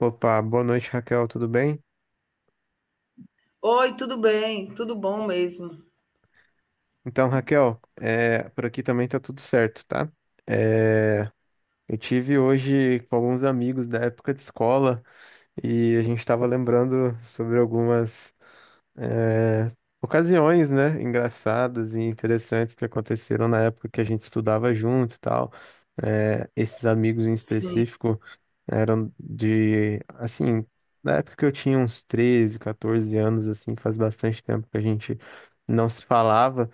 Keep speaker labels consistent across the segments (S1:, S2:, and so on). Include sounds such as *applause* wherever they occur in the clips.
S1: Opa, boa noite, Raquel, tudo bem?
S2: Oi, tudo bem? Tudo bom mesmo.
S1: Então, Raquel, por aqui também tá tudo certo, tá? É, eu tive hoje com alguns amigos da época de escola e a gente estava lembrando sobre algumas é, ocasiões, né, engraçadas e interessantes que aconteceram na época que a gente estudava junto e tal. Esses amigos em
S2: Sim,
S1: específico eram de, assim, na época que eu tinha uns 13 14 anos, assim, faz bastante tempo que a gente não se falava,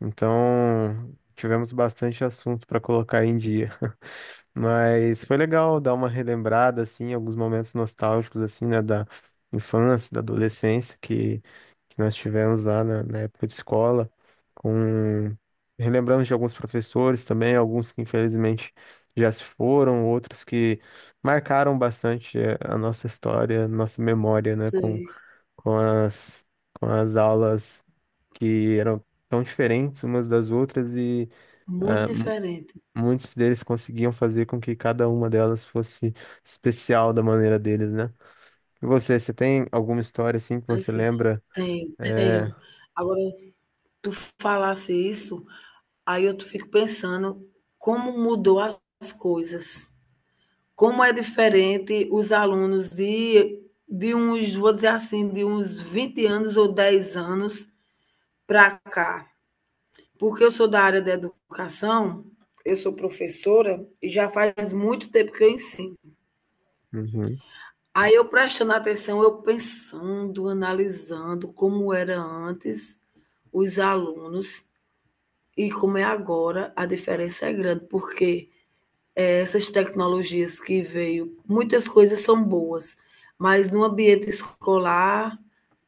S1: então tivemos bastante assunto para colocar em dia. *laughs* Mas foi legal dar uma relembrada, assim, alguns momentos nostálgicos, assim, né, da infância, da adolescência, que nós tivemos lá na época de escola, com relembramos de alguns professores também, alguns que infelizmente já se foram, outros que marcaram bastante a nossa história, nossa memória, né,
S2: sim.
S1: com as, com as aulas que eram tão diferentes umas das outras e
S2: Muito diferente,
S1: muitos deles conseguiam fazer com que cada uma delas fosse especial da maneira deles, né? E você, você tem alguma história assim que você
S2: assim.
S1: lembra?
S2: Tenho,
S1: É...
S2: tenho. Agora, tu falasse isso, aí eu tu fico pensando como mudou as coisas. Como é diferente os alunos de uns, vou dizer assim, de uns 20 anos ou 10 anos para cá. Porque eu sou da área da educação, eu sou professora e já faz muito tempo que eu ensino.
S1: Uhum,
S2: Aí eu prestando atenção, eu pensando, analisando como era antes os alunos e como é agora, a diferença é grande, porque essas tecnologias que veio, muitas coisas são boas, mas no ambiente escolar,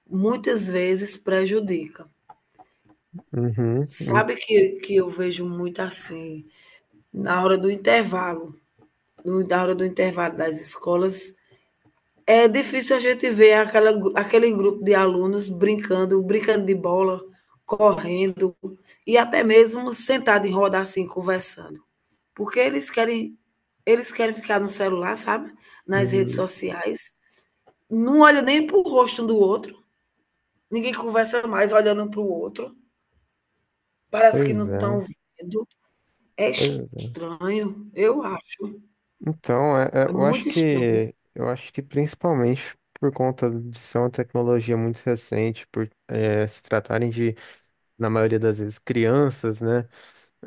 S2: muitas vezes prejudica.
S1: uhum,
S2: Sabe que eu vejo muito assim, na hora do intervalo, na hora do intervalo das escolas, é difícil a gente ver aquela, aquele grupo de alunos brincando, brincando de bola, correndo e até mesmo sentado em roda assim, conversando. Porque eles querem ficar no celular, sabe? Nas redes
S1: uhum.
S2: sociais. Não olha nem para o rosto um do outro. Ninguém conversa mais olhando para o outro. Parece que
S1: Pois
S2: não estão
S1: é,
S2: vendo. É
S1: pois é.
S2: estranho, eu acho.
S1: Então,
S2: É
S1: eu acho
S2: muito estranho,
S1: que eu acho que principalmente por conta de ser uma tecnologia muito recente, por se tratarem de, na maioria das vezes, crianças, né?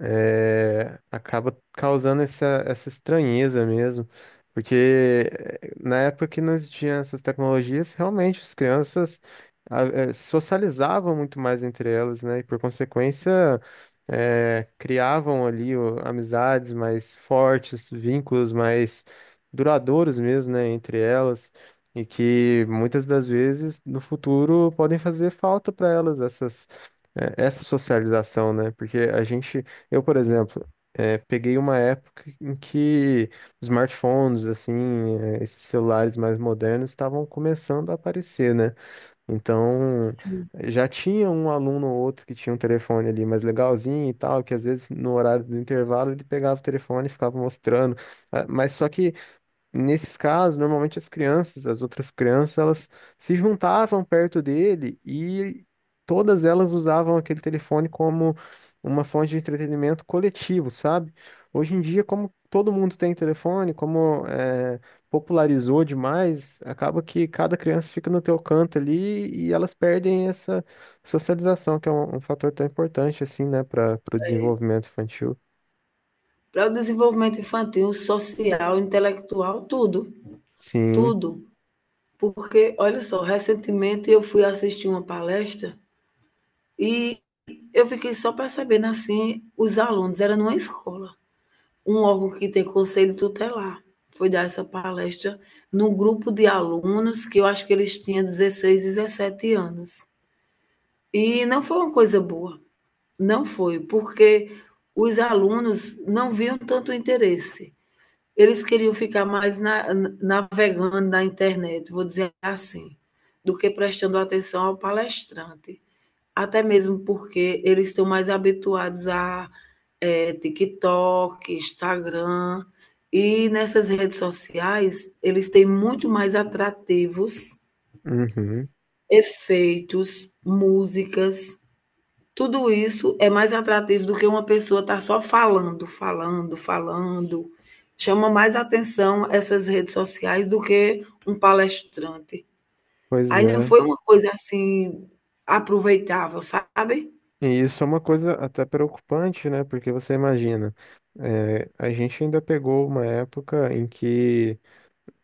S1: Acaba causando essa, essa estranheza mesmo, porque na época que não existiam essas tecnologias, realmente as crianças ah, socializavam muito mais entre elas, né? E por consequência, criavam ali amizades mais fortes, vínculos mais duradouros mesmo, né? Entre elas. E que muitas das vezes no futuro podem fazer falta para elas essa socialização, né? Porque a gente eu, por exemplo, peguei uma época em que smartphones, assim, esses celulares mais modernos estavam começando a aparecer, né? Então,
S2: sim.
S1: já tinha um aluno ou outro que tinha um telefone ali mais legalzinho e tal, que às vezes no horário do intervalo ele pegava o telefone e ficava mostrando. Ah, Mas só que Nesses casos, normalmente as crianças, as outras crianças, elas se juntavam perto dele e todas elas usavam aquele telefone como uma fonte de entretenimento coletivo, sabe? Hoje em dia, como todo mundo tem telefone, como popularizou demais, acaba que cada criança fica no teu canto ali e elas perdem essa socialização, que é um fator tão importante assim, né, para o desenvolvimento infantil.
S2: Para o desenvolvimento infantil, social, intelectual, tudo.
S1: Sim.
S2: Tudo, porque olha só, recentemente eu fui assistir uma palestra e eu fiquei só percebendo, assim, os alunos, era numa escola, um órgão que tem conselho tutelar, foi dar essa palestra num grupo de alunos que eu acho que eles tinham 16, 17 anos. E não foi uma coisa boa, não foi, porque os alunos não viam tanto interesse. Eles queriam ficar mais na- navegando na internet, vou dizer assim, do que prestando atenção ao palestrante. Até mesmo porque eles estão mais habituados a TikTok, Instagram, e nessas redes sociais eles têm muito mais atrativos,
S1: Uhum.
S2: efeitos, músicas. Tudo isso é mais atrativo do que uma pessoa estar só falando, falando, falando. Chama mais atenção essas redes sociais do que um palestrante.
S1: Pois
S2: Aí não
S1: é.
S2: foi uma coisa assim aproveitável, sabe?
S1: E isso é uma coisa até preocupante, né? Porque você imagina, a gente ainda pegou uma época em que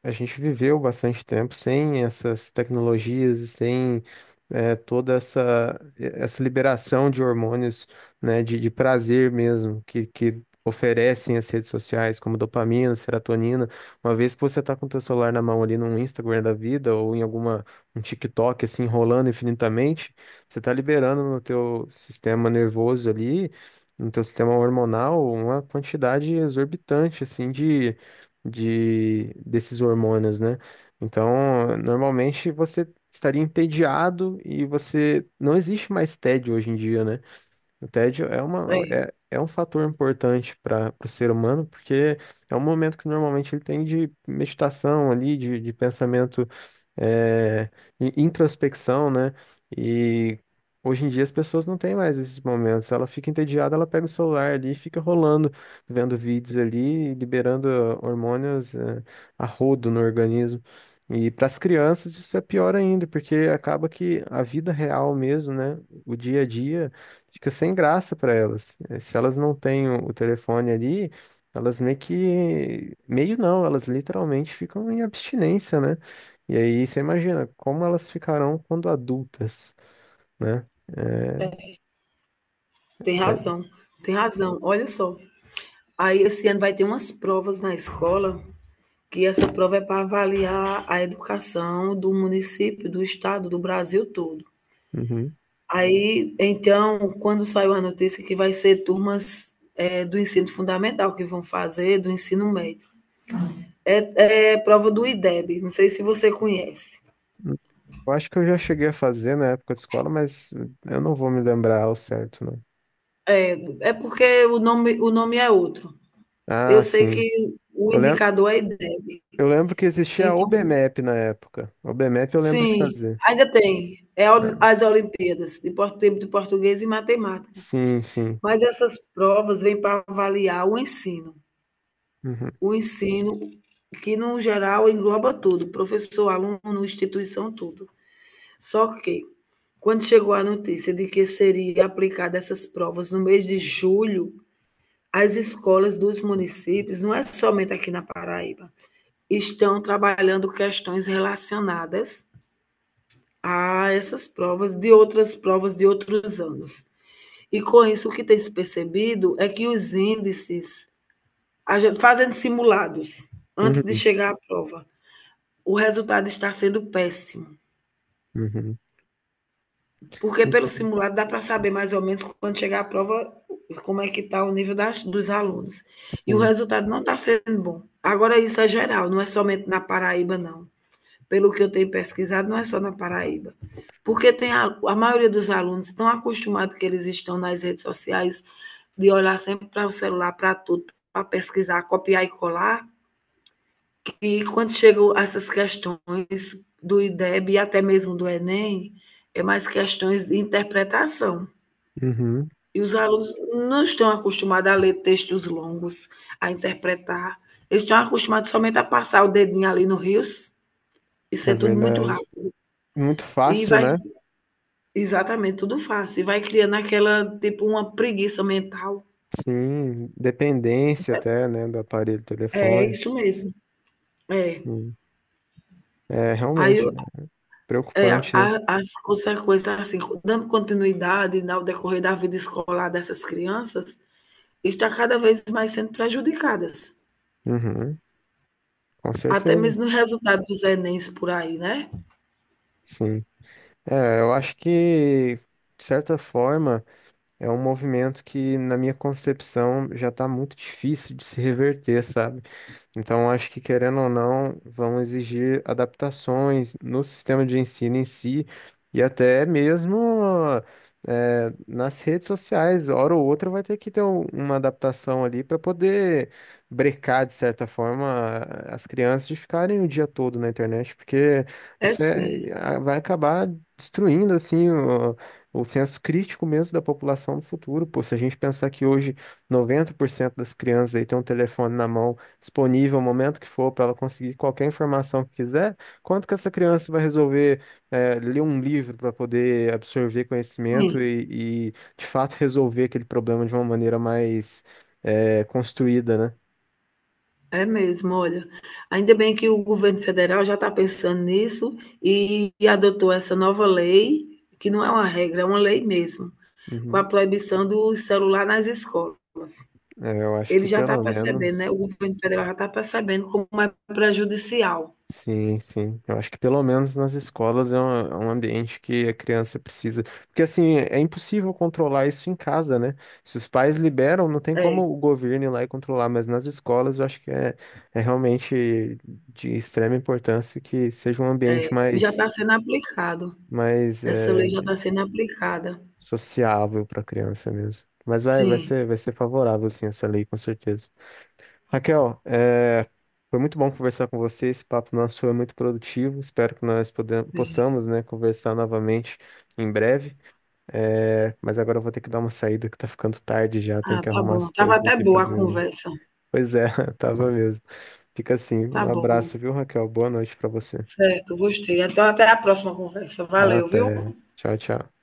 S1: a gente viveu bastante tempo sem essas tecnologias e sem toda essa liberação de hormônios, né, de prazer mesmo, que oferecem as redes sociais, como dopamina, serotonina. Uma vez que você está com o teu celular na mão ali num Instagram da vida ou em alguma um TikTok assim rolando infinitamente, você está liberando no teu sistema nervoso ali, no teu sistema hormonal, uma quantidade exorbitante assim de desses hormônios, né? Então, normalmente você estaria entediado e você não existe mais tédio hoje em dia, né? O tédio é uma,
S2: É,
S1: é, é um fator importante para o ser humano, porque é um momento que normalmente ele tem de meditação ali, de pensamento, é, introspecção, né? E hoje em dia as pessoas não têm mais esses momentos. Ela fica entediada, ela pega o celular ali e fica rolando, vendo vídeos ali, liberando hormônios, é, a rodo no organismo. E para as crianças isso é pior ainda, porque acaba que a vida real mesmo, né? O dia a dia fica sem graça para elas. Se elas não têm o telefone ali, elas meio que. Meio não, elas literalmente ficam em abstinência, né? E aí você imagina como elas ficarão quando adultas, né? É,
S2: tem
S1: é-
S2: razão, tem razão. Olha só. Aí esse ano vai ter umas provas na escola, que essa prova é para avaliar a educação do município, do estado, do Brasil todo.
S1: uhum.
S2: Aí, então, quando saiu a notícia que vai ser turmas do ensino fundamental que vão fazer, do ensino médio. É, é prova do IDEB, não sei se você conhece.
S1: Eu acho que eu já cheguei a fazer na época de escola, mas eu não vou me lembrar ao certo, não.
S2: É porque o nome é outro. Eu
S1: Ah,
S2: sei
S1: sim.
S2: que o
S1: Eu lembro,
S2: indicador é IDEB.
S1: eu lembro que existia a
S2: Então,
S1: OBMAP na época. OBMAP eu lembro de
S2: sim,
S1: fazer.
S2: ainda tem. É
S1: Ah,
S2: as Olimpíadas de por- de português e matemática.
S1: sim, sim.
S2: Mas essas provas vêm para avaliar o ensino.
S1: Uhum.
S2: O ensino, que no geral engloba tudo, professor, aluno, instituição, tudo. Só que, quando chegou a notícia de que seria aplicada essas provas no mês de julho, as escolas dos municípios, não é somente aqui na Paraíba, estão trabalhando questões relacionadas a essas provas, de outras provas de outros anos. E com isso, o que tem se percebido é que os índices, fazendo simulados, antes de
S1: Uhum.
S2: chegar à prova, o resultado está sendo péssimo.
S1: Uhum.
S2: Porque pelo
S1: Então,
S2: simulado dá para saber mais ou menos quando chegar a prova como é que está o nível das, dos alunos. E o
S1: sim.
S2: resultado não está sendo bom. Agora isso é geral, não é somente na Paraíba, não. Pelo que eu tenho pesquisado, não é só na Paraíba. Porque tem a maioria dos alunos estão acostumados que eles estão nas redes sociais de olhar sempre para o celular, para tudo, para pesquisar, copiar e colar. E quando chegam essas questões do IDEB e até mesmo do Enem, é mais questões de interpretação.
S1: Uhum,
S2: E os alunos não estão acostumados a ler textos longos, a interpretar. Eles estão acostumados somente a passar o dedinho ali no rios e
S1: é
S2: ser tudo muito
S1: verdade.
S2: rápido.
S1: Muito
S2: E
S1: fácil,
S2: vai,
S1: né?
S2: exatamente, tudo fácil. E vai criando aquela, tipo, uma preguiça mental.
S1: Sim, dependência
S2: É
S1: até, né, do aparelho
S2: é
S1: telefone.
S2: isso mesmo. É.
S1: Sim. É
S2: Aí
S1: realmente
S2: eu,
S1: é
S2: é,
S1: preocupante, né?
S2: as consequências, assim, dando continuidade ao decorrer da vida escolar dessas crianças, está cada vez mais sendo prejudicadas.
S1: Uhum, com
S2: Até
S1: certeza.
S2: mesmo no resultado dos Enems por aí, né?
S1: Sim. Eu acho que, de certa forma, é um movimento que, na minha concepção, já está muito difícil de se reverter, sabe? Então, acho que, querendo ou não, vão exigir adaptações no sistema de ensino em si e até mesmo nas redes sociais. Hora ou outra vai ter que ter uma adaptação ali para poder brecar, de certa forma, as crianças de ficarem o dia todo na internet, porque
S2: É
S1: isso é,
S2: sim,
S1: vai acabar destruindo assim o senso crítico mesmo da população no futuro. Pô, se a gente pensar que hoje 90% das crianças aí tem um telefone na mão disponível, o momento que for, para ela conseguir qualquer informação que quiser, quanto que essa criança vai resolver ler um livro para poder absorver
S2: sim,
S1: conhecimento e de fato, *laughs* resolver aquele problema de uma maneira mais construída, né?
S2: é mesmo, olha. Ainda bem que o governo federal já está pensando nisso e adotou essa nova lei, que não é uma regra, é uma lei mesmo, com a
S1: Uhum.
S2: proibição do celular nas escolas.
S1: Eu acho que
S2: Ele já está
S1: pelo
S2: percebendo, né,
S1: menos.
S2: o governo federal já está percebendo como é prejudicial.
S1: Sim, sim. Eu acho que pelo menos nas escolas é um ambiente que a criança precisa. Porque assim, é impossível controlar isso em casa, né? Se os pais liberam, não tem como
S2: É,
S1: o governo ir lá e controlar, mas nas escolas eu acho que é realmente de extrema importância que seja um ambiente
S2: e já
S1: mais,
S2: está sendo aplicado.
S1: mais
S2: Essa lei já
S1: é,
S2: está sendo aplicada.
S1: sociável para a criança mesmo. Mas vai, vai
S2: Sim,
S1: ser, vai ser favorável, sim, essa lei, com certeza. Raquel, foi muito bom conversar com você. Esse papo nosso foi muito produtivo. Espero que nós podem-
S2: sim.
S1: possamos, né, conversar novamente em breve. Mas agora eu vou ter que dar uma saída que tá ficando tarde já. Tenho
S2: Ah,
S1: que
S2: tá
S1: arrumar
S2: bom.
S1: as
S2: Estava
S1: coisas
S2: até
S1: aqui pra
S2: boa a
S1: dormir.
S2: conversa.
S1: Pois é, *laughs* tava mesmo. Fica assim.
S2: Tá
S1: Um
S2: bom.
S1: abraço, viu, Raquel? Boa noite pra você.
S2: Certo, gostei. Então, até a próxima conversa. Valeu, viu?
S1: Até. Tchau, tchau.